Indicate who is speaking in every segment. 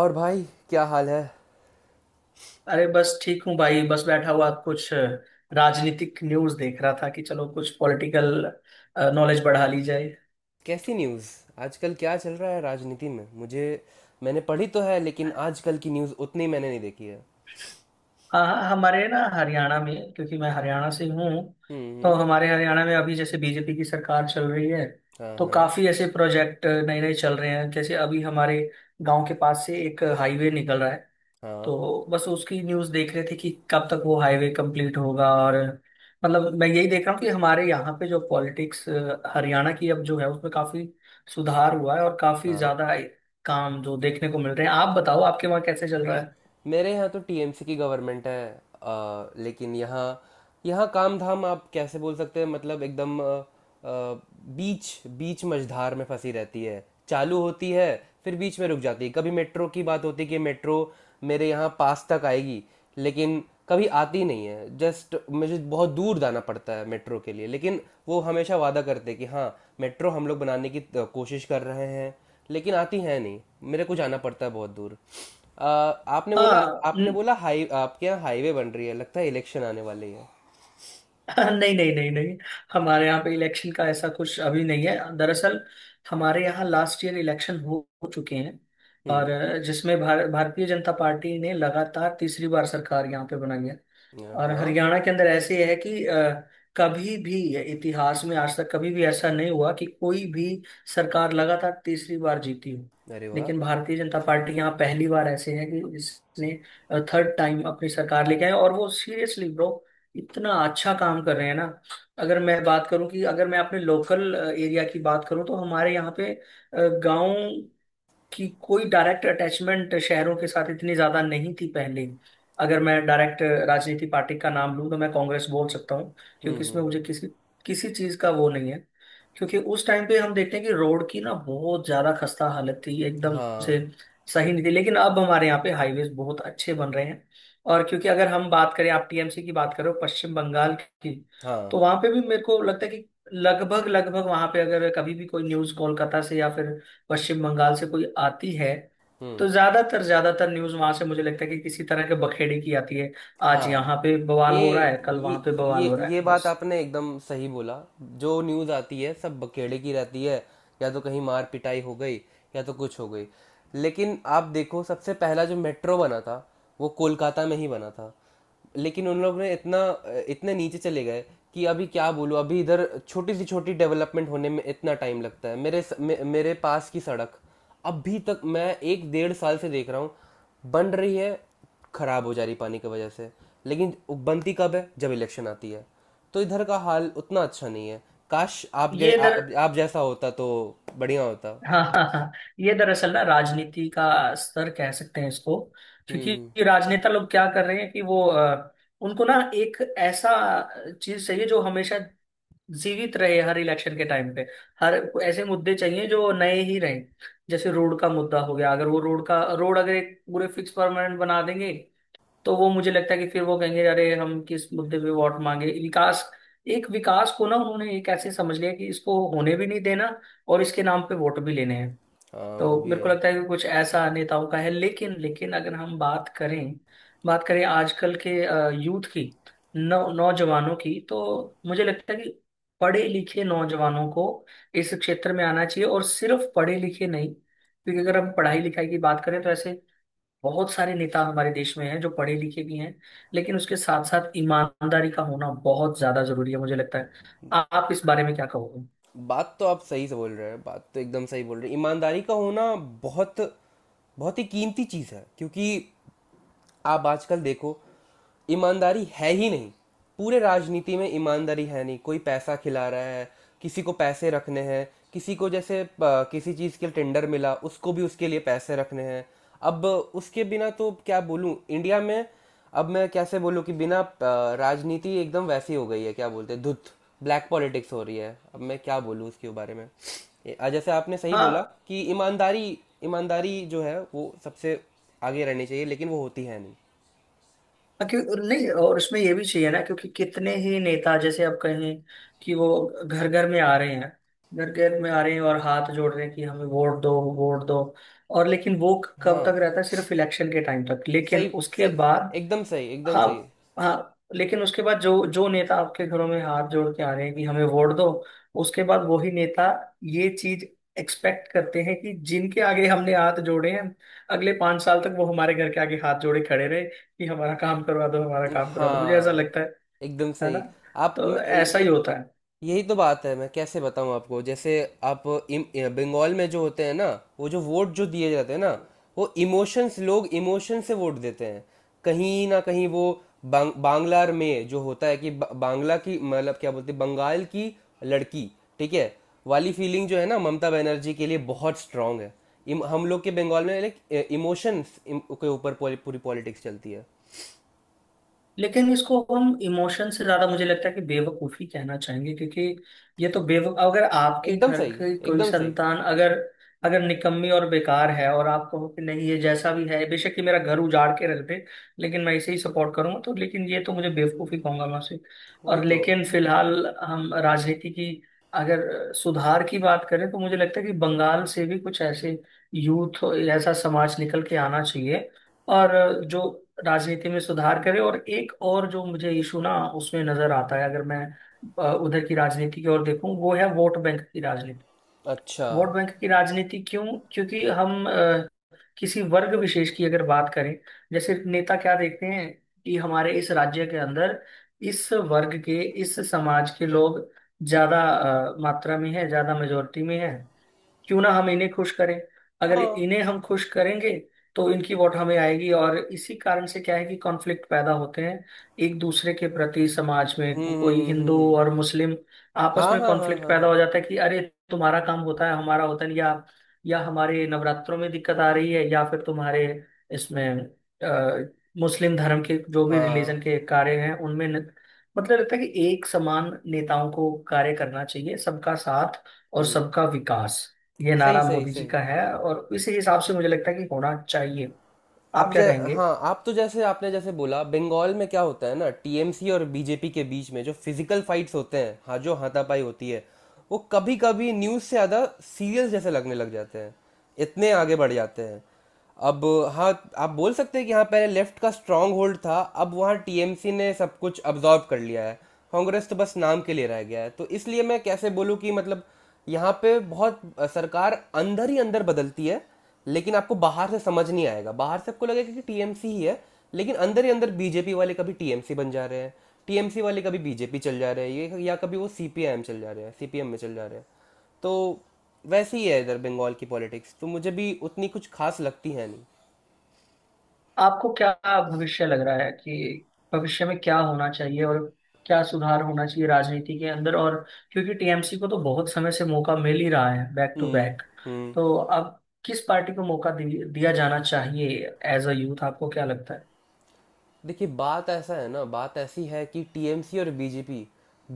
Speaker 1: और भाई, क्या हाल है।
Speaker 2: अरे बस ठीक हूँ भाई। बस बैठा हुआ कुछ राजनीतिक न्यूज़ देख रहा था कि चलो कुछ पॉलिटिकल नॉलेज बढ़ा ली जाए।
Speaker 1: कैसी न्यूज़? आजकल क्या चल रहा है राजनीति में? मुझे, मैंने पढ़ी तो है लेकिन आजकल की न्यूज़ उतनी मैंने नहीं देखी है।
Speaker 2: हाँ, हाँ, हमारे ना हरियाणा में, क्योंकि मैं हरियाणा से हूँ।
Speaker 1: हम्म
Speaker 2: तो
Speaker 1: हम्म।
Speaker 2: हमारे हरियाणा में अभी जैसे बीजेपी की सरकार चल रही है,
Speaker 1: हाँ,
Speaker 2: तो
Speaker 1: हाँ,
Speaker 2: काफ़ी ऐसे प्रोजेक्ट नए नए चल रहे हैं। जैसे अभी हमारे गांव के पास से एक हाईवे निकल रहा है,
Speaker 1: हाँ,
Speaker 2: तो बस उसकी न्यूज देख रहे थे कि कब तक वो हाईवे कंप्लीट होगा। और मतलब मैं यही देख रहा हूँ कि हमारे यहाँ पे जो पॉलिटिक्स हरियाणा की अब जो है, उसमें काफी सुधार हुआ है और काफी
Speaker 1: हाँ।
Speaker 2: ज्यादा काम जो देखने को मिल रहे हैं। आप बताओ आपके वहाँ कैसे चल रहा है।
Speaker 1: मेरे यहाँ तो टीएमसी की गवर्नमेंट है, लेकिन यहाँ यहाँ काम धाम आप कैसे बोल सकते हैं? मतलब एकदम बीच बीच मझधार में फंसी रहती है, चालू होती है, फिर बीच में रुक जाती है। कभी मेट्रो की बात होती है कि मेट्रो मेरे यहाँ पास तक आएगी, लेकिन कभी आती नहीं है। जस्ट मुझे बहुत दूर जाना पड़ता है मेट्रो के लिए। लेकिन वो हमेशा वादा करते हैं कि हाँ, मेट्रो हम लोग बनाने की कोशिश कर रहे हैं, लेकिन आती है नहीं। मेरे को जाना पड़ता है बहुत दूर। अ, आपने बोला
Speaker 2: हाँ।
Speaker 1: आपने बोला हाई आपके यहाँ हाईवे बन रही है, लगता है इलेक्शन आने वाली है।
Speaker 2: नहीं, नहीं, नहीं, नहीं। हमारे यहाँ पे इलेक्शन का ऐसा कुछ अभी नहीं है दरअसल। हमारे यहाँ लास्ट ईयर इलेक्शन हो चुके हैं, और
Speaker 1: हुँ,
Speaker 2: जिसमें भारतीय जनता पार्टी ने लगातार तीसरी बार सरकार यहाँ पे बनाई है। और
Speaker 1: हाँ,
Speaker 2: हरियाणा के अंदर ऐसे है कि कभी भी इतिहास में आज तक कभी भी ऐसा नहीं हुआ कि कोई भी सरकार लगातार तीसरी बार जीती हो।
Speaker 1: अरे वाह!
Speaker 2: लेकिन भारतीय जनता पार्टी यहाँ पहली बार ऐसे है कि इसने थर्ड टाइम अपनी सरकार लेके आए। और वो सीरियसली ब्रो इतना अच्छा काम कर रहे हैं ना। अगर मैं बात करूं, कि अगर मैं अपने लोकल एरिया की बात करूं, तो हमारे यहाँ पे गांव कि कोई डायरेक्ट अटैचमेंट शहरों के साथ इतनी ज्यादा नहीं थी पहले। अगर मैं डायरेक्ट राजनीति पार्टी का नाम लूं, तो मैं कांग्रेस बोल सकता हूँ।
Speaker 1: हुँ,
Speaker 2: क्योंकि
Speaker 1: हुँ,
Speaker 2: इसमें मुझे
Speaker 1: हुँ,
Speaker 2: किसी किसी चीज का वो नहीं है। क्योंकि उस टाइम पे हम देखते हैं कि रोड की ना बहुत ज्यादा खस्ता हालत थी एकदम
Speaker 1: हाँ,
Speaker 2: से, सही नहीं थी। लेकिन अब हमारे यहाँ पे हाईवेज बहुत अच्छे बन रहे हैं। और क्योंकि अगर हम बात करें, आप टीएमसी की बात करो, पश्चिम बंगाल की,
Speaker 1: हाँ,
Speaker 2: तो वहां पे भी मेरे को लगता है कि लगभग लगभग वहां पे, अगर कभी भी कोई न्यूज कोलकाता से या फिर पश्चिम बंगाल से कोई आती है,
Speaker 1: हुँ।
Speaker 2: तो ज्यादातर ज्यादातर न्यूज वहां से मुझे लगता है कि किसी तरह के बखेड़े की आती है। आज यहाँ
Speaker 1: हाँ।
Speaker 2: पे बवाल
Speaker 1: ये
Speaker 2: हो रहा है, कल वहां
Speaker 1: ये
Speaker 2: पे बवाल
Speaker 1: ये
Speaker 2: हो रहा है,
Speaker 1: ये बात
Speaker 2: बस।
Speaker 1: आपने एकदम सही बोला। जो न्यूज़ आती है सब बकेड़े की रहती है। या तो कहीं मार पिटाई हो गई, या तो कुछ हो गई। लेकिन आप देखो, सबसे पहला जो मेट्रो बना था वो कोलकाता में ही बना था। लेकिन उन लोग ने इतना इतने नीचे चले गए कि अभी क्या बोलूँ, अभी इधर छोटी सी छोटी डेवलपमेंट होने में इतना टाइम लगता है। मेरे पास की सड़क अभी तक मैं एक डेढ़ साल से देख रहा हूँ, बन रही है, खराब हो जा रही पानी की वजह से। लेकिन बनती कब है? जब इलेक्शन आती है। तो इधर का हाल उतना अच्छा नहीं है। काश
Speaker 2: ये दर
Speaker 1: आप जैसा होता तो बढ़िया होता।
Speaker 2: हाँ, हाँ, हाँ। ये दरअसल ना राजनीति का स्तर कह सकते हैं इसको।
Speaker 1: हम्म
Speaker 2: क्योंकि
Speaker 1: हम्म,
Speaker 2: ये राजनेता लोग क्या कर रहे हैं कि वो उनको ना एक ऐसा चीज चाहिए जो हमेशा जीवित रहे, हर इलेक्शन के टाइम पे हर ऐसे मुद्दे चाहिए जो नए ही रहें। जैसे रोड का मुद्दा हो गया, अगर वो रोड अगर एक पूरे फिक्स परमानेंट बना देंगे, तो वो मुझे लगता है कि फिर वो कहेंगे, अरे हम किस मुद्दे पे वोट मांगे। विकास को ना उन्होंने एक ऐसे समझ लिया कि इसको होने भी नहीं देना, और इसके नाम पे वोट भी लेने हैं।
Speaker 1: हाँ, वो
Speaker 2: तो
Speaker 1: भी
Speaker 2: मेरे को
Speaker 1: है।
Speaker 2: लगता है कि कुछ ऐसा नेताओं का है। लेकिन लेकिन अगर हम बात करें आजकल के यूथ की, नौ नौजवानों की, तो मुझे लगता है कि पढ़े लिखे नौजवानों को इस क्षेत्र में आना चाहिए। और सिर्फ पढ़े लिखे नहीं, क्योंकि अगर हम पढ़ाई लिखाई की बात करें, तो ऐसे बहुत सारे नेता हमारे देश में हैं जो पढ़े लिखे भी हैं, लेकिन उसके साथ साथ ईमानदारी का होना बहुत ज्यादा जरूरी है, मुझे लगता है। आप इस बारे में क्या कहोगे।
Speaker 1: बात तो आप सही से बोल रहे हैं, बात तो एकदम सही बोल रहे हैं। ईमानदारी का होना बहुत बहुत ही कीमती चीज़ है, क्योंकि आप आजकल देखो, ईमानदारी है ही नहीं। पूरे राजनीति में ईमानदारी है नहीं, कोई पैसा खिला रहा है। किसी को पैसे रखने हैं, किसी को जैसे किसी चीज़ के लिए टेंडर मिला उसको भी उसके लिए पैसे रखने हैं। अब उसके बिना तो क्या बोलूँ इंडिया में। अब मैं कैसे बोलूँ कि बिना राजनीति एकदम वैसी हो गई है, क्या बोलते हैं, धुत। ब्लैक पॉलिटिक्स हो रही है, अब मैं क्या बोलूँ उसके बारे में। जैसे आपने सही बोला
Speaker 2: हाँ।
Speaker 1: कि ईमानदारी, ईमानदारी जो है वो सबसे आगे रहनी चाहिए, लेकिन वो होती है नहीं।
Speaker 2: हाँ, क्यों नहीं। और उसमें ये भी चाहिए ना, क्योंकि कितने ही नेता, जैसे आप कहें कि वो घर घर में आ रहे हैं, घर घर में आ रहे हैं और हाथ जोड़ रहे हैं कि हमें वोट दो, वोट दो। और लेकिन वो कब तक
Speaker 1: हाँ,
Speaker 2: रहता है? सिर्फ इलेक्शन के टाइम तक। लेकिन
Speaker 1: सही,
Speaker 2: उसके
Speaker 1: सही,
Speaker 2: बाद।
Speaker 1: एकदम सही, एकदम
Speaker 2: हाँ।
Speaker 1: सही।
Speaker 2: हाँ। लेकिन उसके बाद जो जो नेता आपके घरों में हाथ जोड़ के आ रहे हैं कि हमें वोट दो, उसके बाद वही नेता ये चीज एक्सपेक्ट करते हैं कि जिनके आगे हमने हाथ जोड़े हैं, अगले पांच साल तक वो हमारे घर के आगे हाथ जोड़े खड़े रहे कि हमारा काम करवा दो, हमारा काम करवा दो। मुझे ऐसा
Speaker 1: हाँ,
Speaker 2: लगता है।
Speaker 1: एकदम
Speaker 2: है ना।
Speaker 1: सही। आप म-
Speaker 2: तो ऐसा ही
Speaker 1: ये
Speaker 2: होता।
Speaker 1: यही तो बात है, मैं कैसे बताऊं आपको, जैसे आप बंगाल में जो होते हैं ना, वो जो वोट जो दिए जाते हैं ना, वो इमोशंस, लोग इमोशन से वोट देते हैं। कहीं ना कहीं वो बांग्ला में जो होता है कि बांग्ला की, मतलब क्या बोलते हैं, बंगाल की लड़की, ठीक है, वाली फीलिंग जो है ना, ममता बनर्जी के लिए बहुत स्ट्रांग है। हम लोग के बंगाल में लाइक इमोशंस के ऊपर पूरी पॉलिटिक्स चलती है।
Speaker 2: लेकिन इसको हम इमोशन से ज्यादा मुझे लगता है कि बेवकूफी कहना चाहेंगे, क्योंकि ये तो बेवक अगर आपके
Speaker 1: एकदम
Speaker 2: घर
Speaker 1: सही,
Speaker 2: की कोई
Speaker 1: एकदम सही,
Speaker 2: संतान अगर अगर निकम्मी और बेकार है, और आप कहो कि नहीं, ये जैसा भी है, बेशक ये मेरा घर उजाड़ के रख दे लेकिन मैं इसे ही सपोर्ट करूंगा, तो लेकिन ये तो मुझे बेवकूफी कहूंगा मैं उसे।
Speaker 1: वही
Speaker 2: और
Speaker 1: तो।
Speaker 2: लेकिन फिलहाल हम राजनीति की अगर सुधार की बात करें, तो मुझे लगता है कि बंगाल से भी कुछ ऐसे यूथ, ऐसा समाज निकल के आना चाहिए, और जो राजनीति में सुधार करे। और एक और जो मुझे इशू ना उसमें नजर आता है, अगर मैं उधर की राजनीति की ओर देखूं, वो है वोट बैंक की राजनीति।
Speaker 1: अच्छा,
Speaker 2: वोट बैंक की राजनीति क्यों? क्योंकि हम किसी वर्ग विशेष की अगर बात करें, जैसे नेता क्या देखते हैं कि हमारे इस राज्य के अंदर इस वर्ग के, इस समाज के लोग ज्यादा मात्रा में है, ज्यादा मेजोरिटी में है, क्यों ना हम इन्हें खुश करें, अगर
Speaker 1: हाँ।
Speaker 2: इन्हें हम खुश करेंगे तो इनकी वोट हमें आएगी। और इसी कारण से क्या है कि कॉन्फ्लिक्ट पैदा होते हैं एक दूसरे के प्रति समाज
Speaker 1: हम्म
Speaker 2: में।
Speaker 1: हम्म
Speaker 2: कोई
Speaker 1: हम्म हम्म
Speaker 2: हिंदू
Speaker 1: हम्म।
Speaker 2: और मुस्लिम
Speaker 1: हाँ
Speaker 2: आपस में
Speaker 1: हाँ हाँ
Speaker 2: कॉन्फ्लिक्ट
Speaker 1: हाँ
Speaker 2: पैदा हो
Speaker 1: हाँ।
Speaker 2: जाता है कि अरे तुम्हारा काम होता है, हमारा होता नहीं, या हमारे नवरात्रों में दिक्कत आ रही है, या फिर तुम्हारे इसमें अ, मुस्लिम धर्म के जो भी
Speaker 1: हाँ।
Speaker 2: रिलीजन के कार्य हैं उनमें न, मतलब लगता है कि एक समान नेताओं को कार्य करना चाहिए। सबका साथ और
Speaker 1: हम्म।
Speaker 2: सबका विकास, ये
Speaker 1: सही,
Speaker 2: नारा
Speaker 1: सही,
Speaker 2: मोदी जी
Speaker 1: सही।
Speaker 2: का है, और इसी हिसाब से मुझे लगता है कि होना चाहिए। आप
Speaker 1: आप
Speaker 2: क्या
Speaker 1: जै
Speaker 2: कहेंगे।
Speaker 1: हाँ, आप तो जैसे आपने जैसे बोला, बंगाल में क्या होता है ना, टीएमसी और बीजेपी के बीच में जो फिजिकल फाइट्स होते हैं, हाँ, जो हाथापाई होती है, वो कभी कभी न्यूज़ से ज़्यादा सीरियस जैसे लगने लग जाते हैं, इतने आगे बढ़ जाते हैं। अब हाँ, आप बोल सकते हैं कि हाँ, पहले लेफ्ट का स्ट्रांग होल्ड था, अब वहाँ टीएमसी ने सब कुछ अब्जॉर्व कर लिया है। कांग्रेस तो बस नाम के लिए रह गया है, तो इसलिए मैं कैसे बोलूँ कि मतलब, यहाँ पे बहुत सरकार अंदर ही अंदर बदलती है। लेकिन आपको बाहर से समझ नहीं आएगा, बाहर से आपको लगेगा कि टीएमसी ही है। लेकिन अंदर ही अंदर बीजेपी वाले कभी टीएमसी बन जा रहे हैं, टीएमसी वाले कभी बीजेपी चल जा रहे हैं, ये या कभी वो सीपीआईएम चल जा रहे हैं, सीपीएम में चल जा रहे हैं। तो वैसे ही है इधर बंगाल की पॉलिटिक्स, तो मुझे भी उतनी कुछ खास लगती है नहीं।
Speaker 2: आपको क्या भविष्य लग रहा है कि भविष्य में क्या होना चाहिए, और क्या सुधार होना चाहिए राजनीति के अंदर। और क्योंकि टीएमसी को तो बहुत समय से मौका मिल ही रहा है, बैक टू
Speaker 1: हम्म
Speaker 2: बैक,
Speaker 1: हम्म।
Speaker 2: तो अब किस पार्टी को मौका दिया जाना चाहिए, एज अ यूथ आपको क्या लगता है।
Speaker 1: देखिए, बात ऐसी है कि टीएमसी और बीजेपी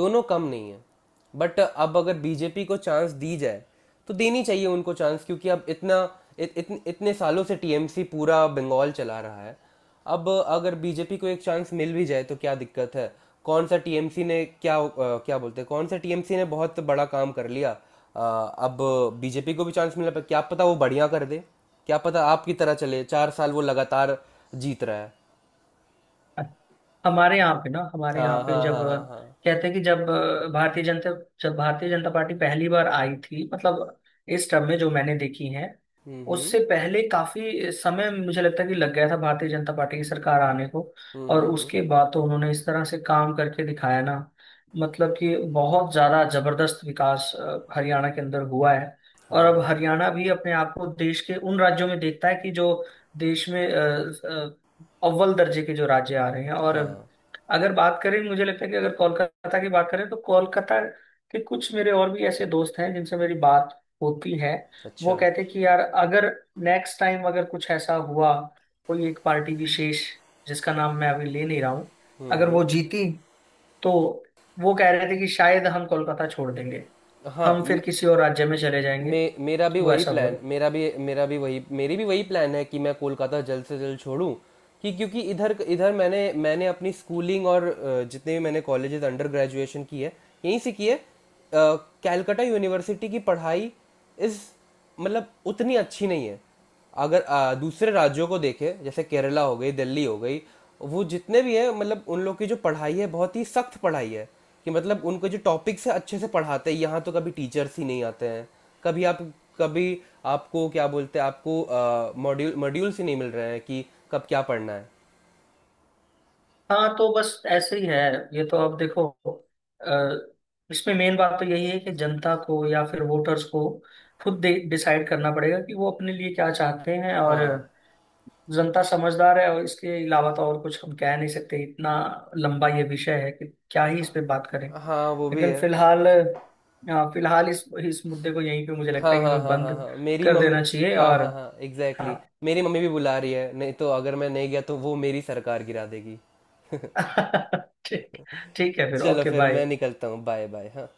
Speaker 1: दोनों कम नहीं है। बट अब अगर बीजेपी को चांस दी जाए तो देनी चाहिए उनको चांस, क्योंकि अब इतने सालों से टीएमसी पूरा बंगाल चला रहा है। अब अगर बीजेपी को एक चांस मिल भी जाए तो क्या दिक्कत है? कौन सा टीएमसी ने क्या अ, क्या बोलते हैं, कौन सा टीएमसी ने बहुत बड़ा काम कर लिया। अ, अब बीजेपी को भी चांस मिला, पर क्या पता वो बढ़िया कर दे, क्या पता आपकी तरह चले 4 साल वो लगातार जीत रहा है। हुँ।
Speaker 2: हमारे यहाँ
Speaker 1: हाँ,
Speaker 2: पे
Speaker 1: हाँ, हाँ, हाँ, हाँ।
Speaker 2: कहते हैं कि जब भारतीय जनता पार्टी पहली बार आई थी, मतलब इस टर्म में जो मैंने देखी है,
Speaker 1: हुँ, हुँ।
Speaker 2: उससे पहले काफी समय मुझे लगता है कि लग गया था भारतीय जनता पार्टी की सरकार आने को।
Speaker 1: हुँ,
Speaker 2: और
Speaker 1: हुँ, हुँ।
Speaker 2: उसके बाद तो उन्होंने इस तरह से काम करके दिखाया ना, मतलब कि बहुत ज्यादा जबरदस्त विकास हरियाणा के अंदर हुआ है। और
Speaker 1: हाँ,
Speaker 2: अब
Speaker 1: हाँ।
Speaker 2: हरियाणा भी अपने आप को देश के उन राज्यों में देखता है कि जो देश में अव्वल दर्जे के जो राज्य आ रहे हैं। और
Speaker 1: हाँ।
Speaker 2: अगर बात करें, मुझे लगता है कि अगर कोलकाता की बात करें, तो कोलकाता के कुछ मेरे और भी ऐसे दोस्त हैं जिनसे मेरी बात होती है। वो
Speaker 1: अच्छा।
Speaker 2: कहते हैं कि यार अगर नेक्स्ट टाइम अगर कुछ ऐसा हुआ, कोई एक पार्टी विशेष, जिसका नाम मैं अभी ले नहीं रहा हूँ,
Speaker 1: हुँ,
Speaker 2: अगर वो
Speaker 1: हुँ।
Speaker 2: जीती, तो वो कह रहे थे कि शायद हम कोलकाता छोड़ देंगे,
Speaker 1: हाँ,
Speaker 2: हम फिर
Speaker 1: म
Speaker 2: किसी और राज्य में चले जाएंगे।
Speaker 1: मे मेरा भी
Speaker 2: वो
Speaker 1: वही
Speaker 2: ऐसा
Speaker 1: प्लान,
Speaker 2: बोले।
Speaker 1: मेरा भी। मेरा भी वही मेरी भी वही प्लान है कि मैं कोलकाता जल्द से जल्द छोड़ूँ। कि क्योंकि इधर इधर मैंने मैंने अपनी स्कूलिंग और जितने भी मैंने कॉलेजेस अंडर ग्रेजुएशन की है, यहीं से की है। कलकत्ता यूनिवर्सिटी की पढ़ाई इज़, मतलब, उतनी अच्छी नहीं है। अगर दूसरे राज्यों को देखें, जैसे केरला हो गई, दिल्ली हो गई, वो जितने भी हैं, मतलब उन लोग की जो पढ़ाई है बहुत ही सख्त पढ़ाई है, कि मतलब उनको जो टॉपिक्स है अच्छे से पढ़ाते हैं। यहाँ तो कभी टीचर्स ही नहीं आते हैं। कभी आप कभी आपको क्या बोलते हैं, आपको मॉड्यूल्स ही नहीं मिल रहे हैं कि कब क्या पढ़ना है।
Speaker 2: हाँ, तो बस ऐसे ही है। ये तो अब देखो, अ, इसमें मेन बात तो यही है कि जनता को या फिर वोटर्स को खुद डिसाइड करना पड़ेगा कि वो अपने लिए क्या चाहते हैं। और
Speaker 1: हाँ,
Speaker 2: जनता समझदार है, और इसके अलावा तो और कुछ हम कह नहीं सकते। इतना लंबा ये विषय है कि क्या ही इस पे बात करें।
Speaker 1: हाँ, वो भी
Speaker 2: लेकिन
Speaker 1: है।
Speaker 2: फिलहाल इस मुद्दे को यहीं पे मुझे लगता है
Speaker 1: हाँ,
Speaker 2: कि
Speaker 1: हाँ,
Speaker 2: हमें
Speaker 1: हाँ, हाँ,
Speaker 2: बंद
Speaker 1: हाँ, मेरी
Speaker 2: कर
Speaker 1: मम्मी,
Speaker 2: देना चाहिए
Speaker 1: हाँ,
Speaker 2: और।
Speaker 1: हाँ, हाँ,
Speaker 2: हाँ।
Speaker 1: एग्जैक्टली। मेरी मम्मी भी बुला रही है, नहीं तो अगर मैं नहीं गया तो वो मेरी सरकार गिरा देगी।
Speaker 2: ठीक ठीक है फिर।
Speaker 1: चलो,
Speaker 2: ओके,
Speaker 1: फिर मैं
Speaker 2: बाय।
Speaker 1: निकलता हूँ, बाय बाय, हाँ।